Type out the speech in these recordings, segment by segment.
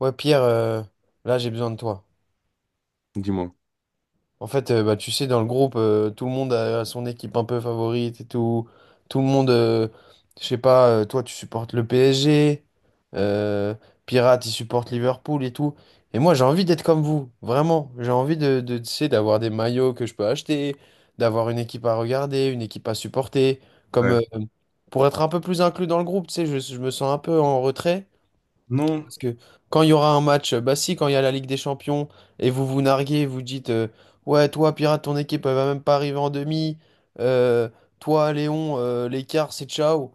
Ouais, Pierre, là j'ai besoin de toi. Dis-moi. En fait, bah, tu sais, dans le groupe, tout le monde a son équipe un peu favorite et tout. Tout le monde, je sais pas, toi tu supportes le PSG. euh, Pirate il supporte Liverpool et tout. Et moi j'ai envie d'être comme vous, vraiment. J'ai envie de, tu sais, d'avoir des maillots que je peux acheter, d'avoir une équipe à regarder, une équipe à supporter. Comme Ouais. Pour être un peu plus inclus dans le groupe, tu sais, je me sens un peu en retrait. Non. Parce que quand il y aura un match, bah si, quand il y a la Ligue des Champions, et vous vous narguez, vous dites, ouais, toi, Pirate, ton équipe, elle va même pas arriver en demi. Euh, Toi, Léon, l'écart, c'est ciao.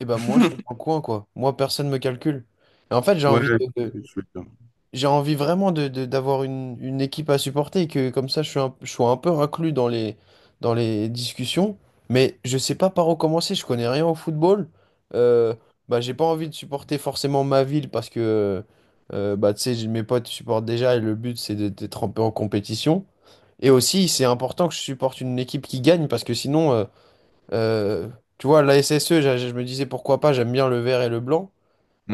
Et ben moi, je suis dans le coin, quoi. Moi, personne me calcule. Et en fait, Ouais, je sais ce que tu veux dire. j'ai envie vraiment d'avoir une équipe à supporter et que comme ça je sois un peu inclus dans les discussions. Mais je sais pas par où commencer, je connais rien au football. Euh, Bah, j'ai pas envie de supporter forcément ma ville parce que bah, tu sais, mes potes supportent déjà et le but c'est d'être un peu en compétition. Et aussi, c'est important que je supporte une équipe qui gagne parce que sinon, euh, tu vois, la SSE, je me disais pourquoi pas, j'aime bien le vert et le blanc.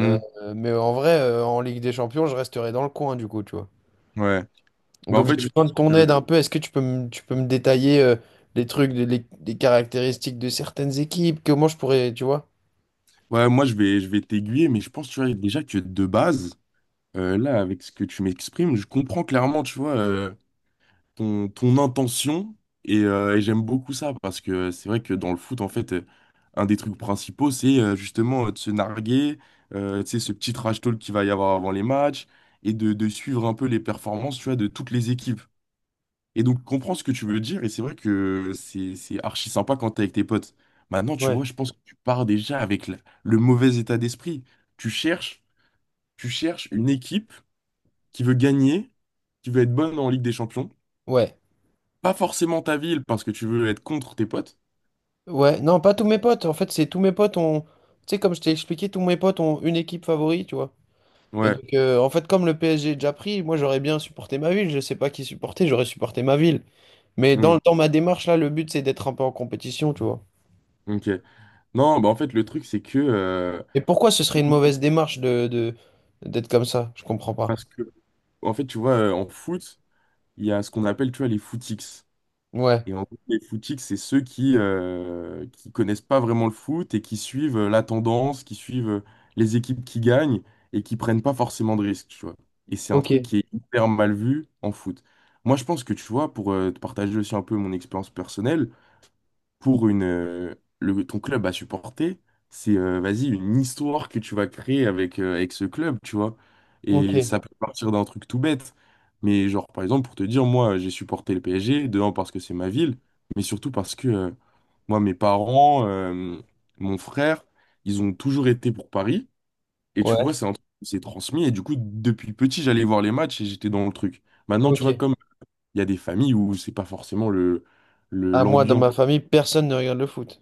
Euh, mais en vrai, en Ligue des Champions, je resterai dans le coin du coup, tu vois. ouais. Bah, en Donc j'ai fait, je besoin de pense ton que. aide un peu. Est-ce que tu peux me détailler les trucs, les caractéristiques de certaines équipes? Comment je pourrais, tu vois? Ouais, moi, je vais t'aiguiller, mais je pense, tu vois, déjà que de base, là, avec ce que tu m'exprimes, je comprends clairement, tu vois, ton intention. Et j'aime beaucoup ça, parce que c'est vrai que dans le foot, en fait, un des trucs principaux, c'est justement de se narguer, tu sais, ce petit trash talk qu'il va y avoir avant les matchs, et de suivre un peu les performances, tu vois, de toutes les équipes. Et donc, comprends ce que tu veux dire, et c'est vrai que c'est archi sympa quand t'es avec tes potes. Maintenant, tu vois, Ouais. je pense que tu pars déjà avec le mauvais état d'esprit. Tu cherches, tu cherches une équipe qui veut gagner, qui veut être bonne en Ligue des Champions. Ouais. Pas forcément ta ville, parce que tu veux être contre tes potes. Ouais. Non, pas tous mes potes. En fait, c'est tous mes potes ont. Tu sais, comme je t'ai expliqué, tous mes potes ont une équipe favorite, tu vois. Et Ouais, donc, en fait, comme le PSG est déjà pris, moi j'aurais bien supporté ma ville. Je sais pas qui supporter, j'aurais supporté ma ville. Mais hmm, dans ma démarche, là, le but c'est d'être un peu en compétition, tu vois. ok. Non, bah en fait, le truc, c'est que... Et pourquoi ce serait une mauvaise démarche d'être comme ça? Je comprends pas. parce que, en fait, tu vois, en foot, il y a ce qu'on appelle, tu vois, les footix. Ouais. Et en gros, les footiques, c'est ceux qui connaissent pas vraiment le foot et qui suivent la tendance, qui suivent les équipes qui gagnent et qui prennent pas forcément de risques, tu vois. Et c'est un truc Ok. qui est hyper mal vu en foot. Moi, je pense que, tu vois, pour te partager aussi un peu mon expérience personnelle, pour une, le, ton club à supporter, c'est vas-y, une histoire que tu vas créer avec, avec ce club, tu vois. Ok. Et ça peut partir d'un truc tout bête. Mais genre, par exemple, pour te dire, moi, j'ai supporté le PSG, de un, parce que c'est ma ville, mais surtout parce que moi, mes parents, mon frère, ils ont toujours été pour Paris. Et tu Ouais. vois, c'est un truc qui s'est transmis. Et du coup, depuis petit, j'allais voir les matchs et j'étais dans le truc. Maintenant, tu Ok. vois, comme il y a des familles où c'est pas forcément À moi, dans l'ambiance ma famille, personne ne regarde le foot.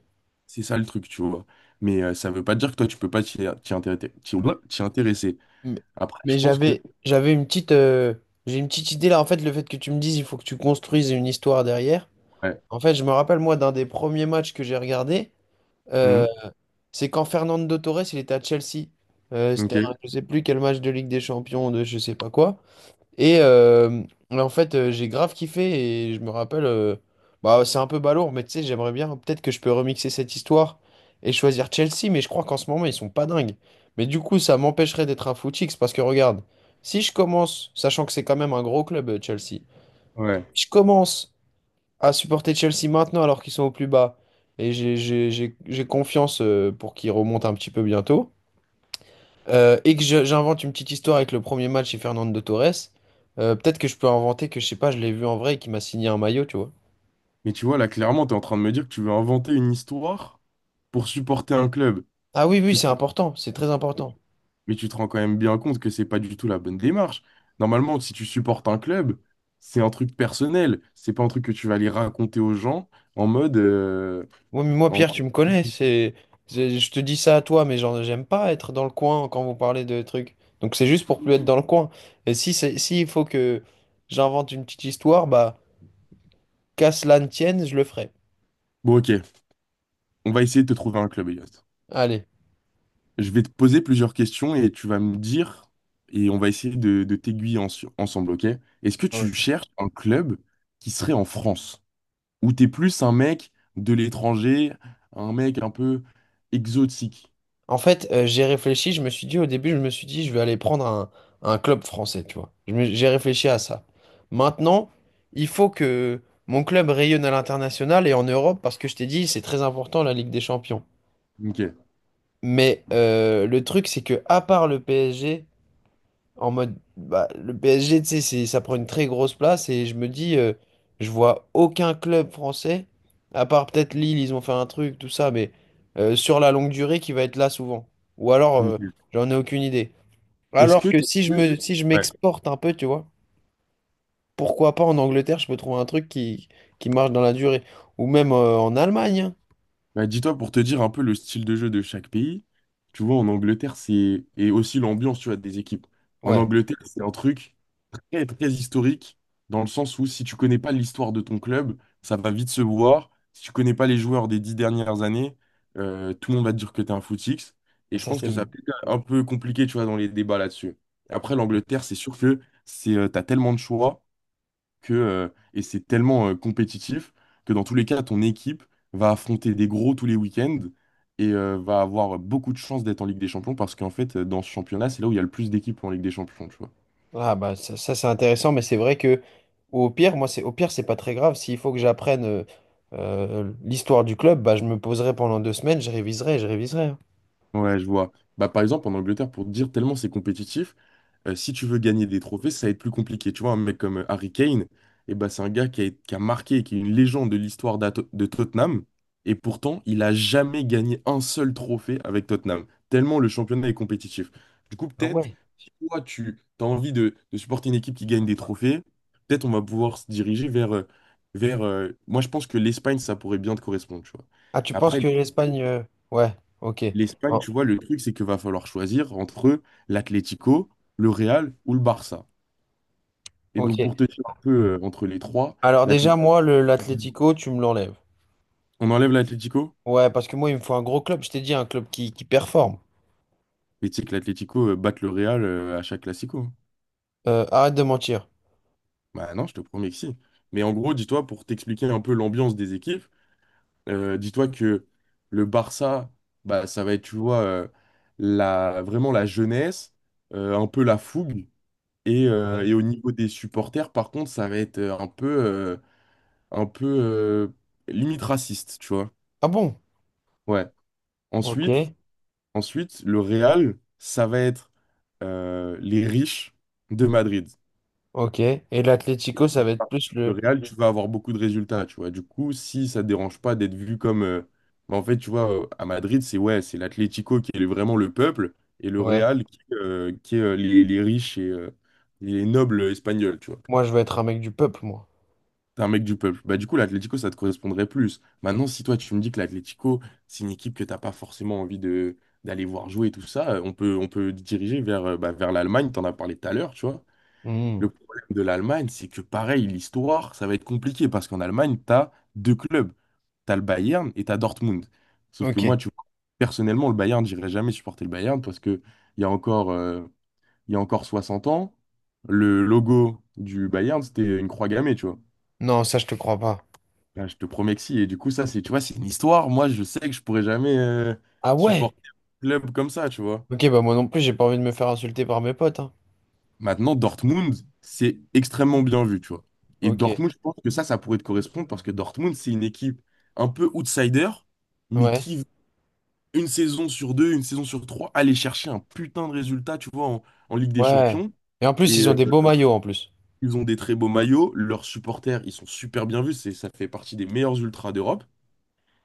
c'est ça le truc, tu vois. Mais ça veut pas dire que toi, tu peux pas t'y t'y intéresser. T'y intéresser. Mais, Après, je mais pense que... j'ai une petite idée là. En fait, le fait que tu me dises, il faut que tu construises une histoire derrière. Ouais. En fait, je me rappelle moi d'un des premiers matchs que j'ai regardé. euh, Mhm. c'est quand Fernando Torres, il était à Chelsea. C'était, Ok. je sais plus quel match de Ligue des Champions, de je sais pas quoi. Et en fait, j'ai grave kiffé et je me rappelle, bah, c'est un peu balourd, mais tu sais, j'aimerais bien, peut-être que je peux remixer cette histoire et choisir Chelsea, mais je crois qu'en ce moment, ils sont pas dingues. Mais du coup, ça m'empêcherait d'être un footix parce que regarde, si je commence, sachant que c'est quand même un gros club, Chelsea, si Ouais. je commence à supporter Chelsea maintenant alors qu'ils sont au plus bas et j'ai confiance pour qu'ils remontent un petit peu bientôt. Et que j'invente une petite histoire avec le premier match chez Fernando Torres. Peut-être que je peux inventer que, je sais pas, je l'ai vu en vrai et qu'il m'a signé un maillot, tu vois. Mais tu vois, là, clairement, tu es en train de me dire que tu veux inventer une histoire pour supporter un club. Ah oui, oui, Tu te- c'est important, c'est très important. Mais tu te rends quand même bien compte que c'est pas du tout la bonne démarche. Normalement, si tu supportes un club, c'est un truc personnel. C'est pas un truc que tu vas aller raconter aux gens en mode... euh, Moi, en- Pierre, tu me connais, je te dis ça à toi, mais genre, j'aime pas être dans le coin quand vous parlez de trucs. Donc c'est juste pour plus être dans le coin. Et si c'est, s'il faut que j'invente une petite histoire, bah, qu'à cela ne tienne, je le ferai. Bon, ok. On va essayer de te trouver un club, Elias. Allez. Je vais te poser plusieurs questions et tu vas me dire, et on va essayer de, t'aiguiller ensemble, ok? Est-ce que tu Ok. cherches un club qui serait en France? Ou t'es plus un mec de l'étranger, un mec un peu exotique? En fait, j'ai réfléchi, je me suis dit au début, je me suis dit, je vais aller prendre un club français, tu vois. J'ai réfléchi à ça. Maintenant, il faut que mon club rayonne à l'international et en Europe, parce que je t'ai dit, c'est très important la Ligue des Champions. Ok. Mais le truc, c'est que à part le PSG, en mode, bah, le PSG, tu sais, ça prend une très grosse place et je me dis, je vois aucun club français, à part peut-être Lille, ils ont fait un truc, tout ça, mais sur la longue durée qui va être là souvent. Ou alors, Ok. j'en ai aucune idée. Est-ce Alors que que t'es plus... si je Ouais. m'exporte un peu, tu vois, pourquoi pas en Angleterre, je peux trouver un truc qui marche dans la durée. Ou même en Allemagne, hein. Bah, dis-toi pour te dire un peu le style de jeu de chaque pays. Tu vois, en Angleterre, c'est... Et aussi l'ambiance, tu vois, des équipes. En Ouais, Angleterre, c'est un truc... très, très historique, dans le sens où si tu connais pas l'histoire de ton club, ça va vite se voir. Si tu connais pas les joueurs des 10 dernières années, tout le monde va te dire que tu es un footix. Et je ça pense que c'est. ça peut être un peu compliqué, tu vois, dans les débats là-dessus. Après, l'Angleterre, c'est sûr que c'est, t'as tellement de choix que, et c'est tellement compétitif que dans tous les cas, ton équipe va affronter des gros tous les week-ends et va avoir beaucoup de chances d'être en Ligue des Champions parce qu'en fait, dans ce championnat, c'est là où il y a le plus d'équipes en Ligue des Champions, tu vois. Ah bah ça, ça, c'est intéressant, mais c'est vrai que au pire, moi c'est au pire c'est pas très grave. S'il faut que j'apprenne l'histoire du club, bah je me poserai pendant deux semaines, je réviserai, je réviserai, hein. Ouais, je vois. Bah, par exemple, en Angleterre, pour te dire tellement c'est compétitif, si tu veux gagner des trophées, ça va être plus compliqué. Tu vois, un mec comme Harry Kane, eh bah, c'est un gars qui a marqué, qui est une légende de l'histoire de Tottenham. Et pourtant, il a jamais gagné un seul trophée avec Tottenham. Tellement le championnat est compétitif. Du coup, Ah peut-être, ouais. si toi, tu as envie de, supporter une équipe qui gagne des trophées, peut-être on va pouvoir se diriger vers... vers moi, je pense que l'Espagne, ça pourrait bien te correspondre, tu vois. Ah tu penses Après, que l'Espagne, l'Espagne, ouais, ok. L'Espagne, Oh, tu vois, le truc, c'est qu'il va falloir choisir entre l'Atlético, le Real ou le Barça. Et ok. donc, pour te dire un peu entre les trois, Alors déjà l'Atlético, moi le l'Atlético, tu me l'enlèves. on enlève l'Atlético? Ouais, parce que moi il me faut un gros club. Je t'ai dit un club qui performe. Mais tu sais que l'Atlético batte le Real à chaque Classico, hein. Arrête de mentir. Bah non, je te promets que si. Mais en gros, dis-toi, pour t'expliquer un peu l'ambiance des équipes, dis-toi que le Barça, bah, ça va être, tu vois, la, vraiment la jeunesse, un peu la fougue. Et Ouais. au niveau des supporters, par contre, ça va être un peu. Un peu limite raciste, tu vois. Ah bon? Ouais. Ok, Ensuite, ensuite, le Real, ça va être les riches de Madrid. ok. Et l'Atlético, ça va être plus Le le. Real, tu vas avoir beaucoup de résultats, tu vois. Du coup, si ça te dérange pas d'être vu comme... bah, en fait, tu vois, à Madrid, c'est ouais, c'est l'Atlético qui est vraiment le peuple et le Ouais. Real qui est les riches et les nobles espagnols, tu vois. Moi je veux être un mec du peuple, moi. T'es un mec du peuple. Bah, du coup, l'Atlético, ça te correspondrait plus. Maintenant, si toi, tu me dis que l'Atlético, c'est une équipe que t'as pas forcément envie de d'aller voir jouer et tout ça, on peut diriger vers, bah, vers l'Allemagne. T'en as parlé tout à l'heure, tu vois. Hmm. Le problème de l'Allemagne, c'est que pareil, l'histoire, ça va être compliqué parce qu'en Allemagne, t'as deux clubs. T'as le Bayern et t'as Dortmund. Sauf que moi, Ok. tu vois, personnellement, le Bayern, j'irai jamais supporter le Bayern parce que il y a encore, euh, il y a encore 60 ans, le logo du Bayern, c'était une croix gammée, tu vois. Non, ça, je te crois pas. Ah, je te promets que si. Et du coup, ça, c'est, tu vois, c'est une histoire. Moi, je sais que je pourrais jamais Ah ouais? supporter un club comme ça, tu vois. Ok, bah moi non plus, j'ai pas envie de me faire insulter par mes potes, hein. Maintenant, Dortmund, c'est extrêmement bien vu, tu vois. Et Ok, Dortmund, je pense que ça pourrait te correspondre parce que Dortmund, c'est une équipe un peu outsider, mais ouais, qui, une saison sur deux, une saison sur trois, aller chercher un putain de résultat, tu vois, en, en Ligue des ouais. Champions. Et en plus, Et ils ont des beaux maillots en plus. ils ont des très beaux maillots. Leurs supporters, ils sont super bien vus. C'est, ça fait partie des meilleurs ultras d'Europe.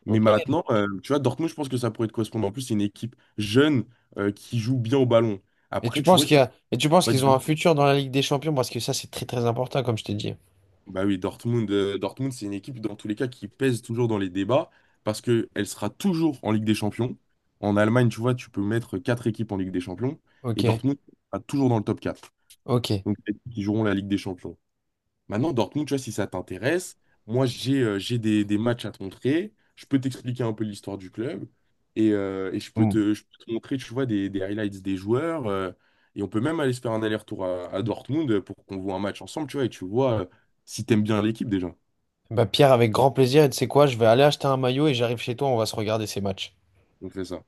Mais Ok. maintenant, tu vois, Dortmund, je pense que ça pourrait te correspondre. En plus, c'est une équipe jeune qui joue bien au ballon. Après, tu vois, Et tu penses vois, du qu'ils ont un moins- futur dans la Ligue des Champions parce que ça, c'est très très important, comme je t'ai dit. Bah oui, Dortmund, Dortmund, c'est une équipe, dans tous les cas, qui pèse toujours dans les débats parce qu'elle sera toujours en Ligue des Champions. En Allemagne, tu vois, tu peux mettre 4 équipes en Ligue des Champions et Ok, Dortmund sera toujours dans le top 4. ok. Donc, les équipes qui joueront la Ligue des Champions. Maintenant, Dortmund, tu vois, si ça t'intéresse, moi, j'ai des matchs à te montrer. Je peux t'expliquer un peu l'histoire du club et Mm. Je peux te montrer, tu vois, des highlights des joueurs. Et on peut même aller se faire un aller-retour à Dortmund pour qu'on voit un match ensemble, tu vois, et tu vois si t'aimes bien l'équipe déjà. Bah Pierre, avec grand plaisir, et tu sais quoi, je vais aller acheter un maillot et j'arrive chez toi, on va se regarder ces matchs. On fait ça.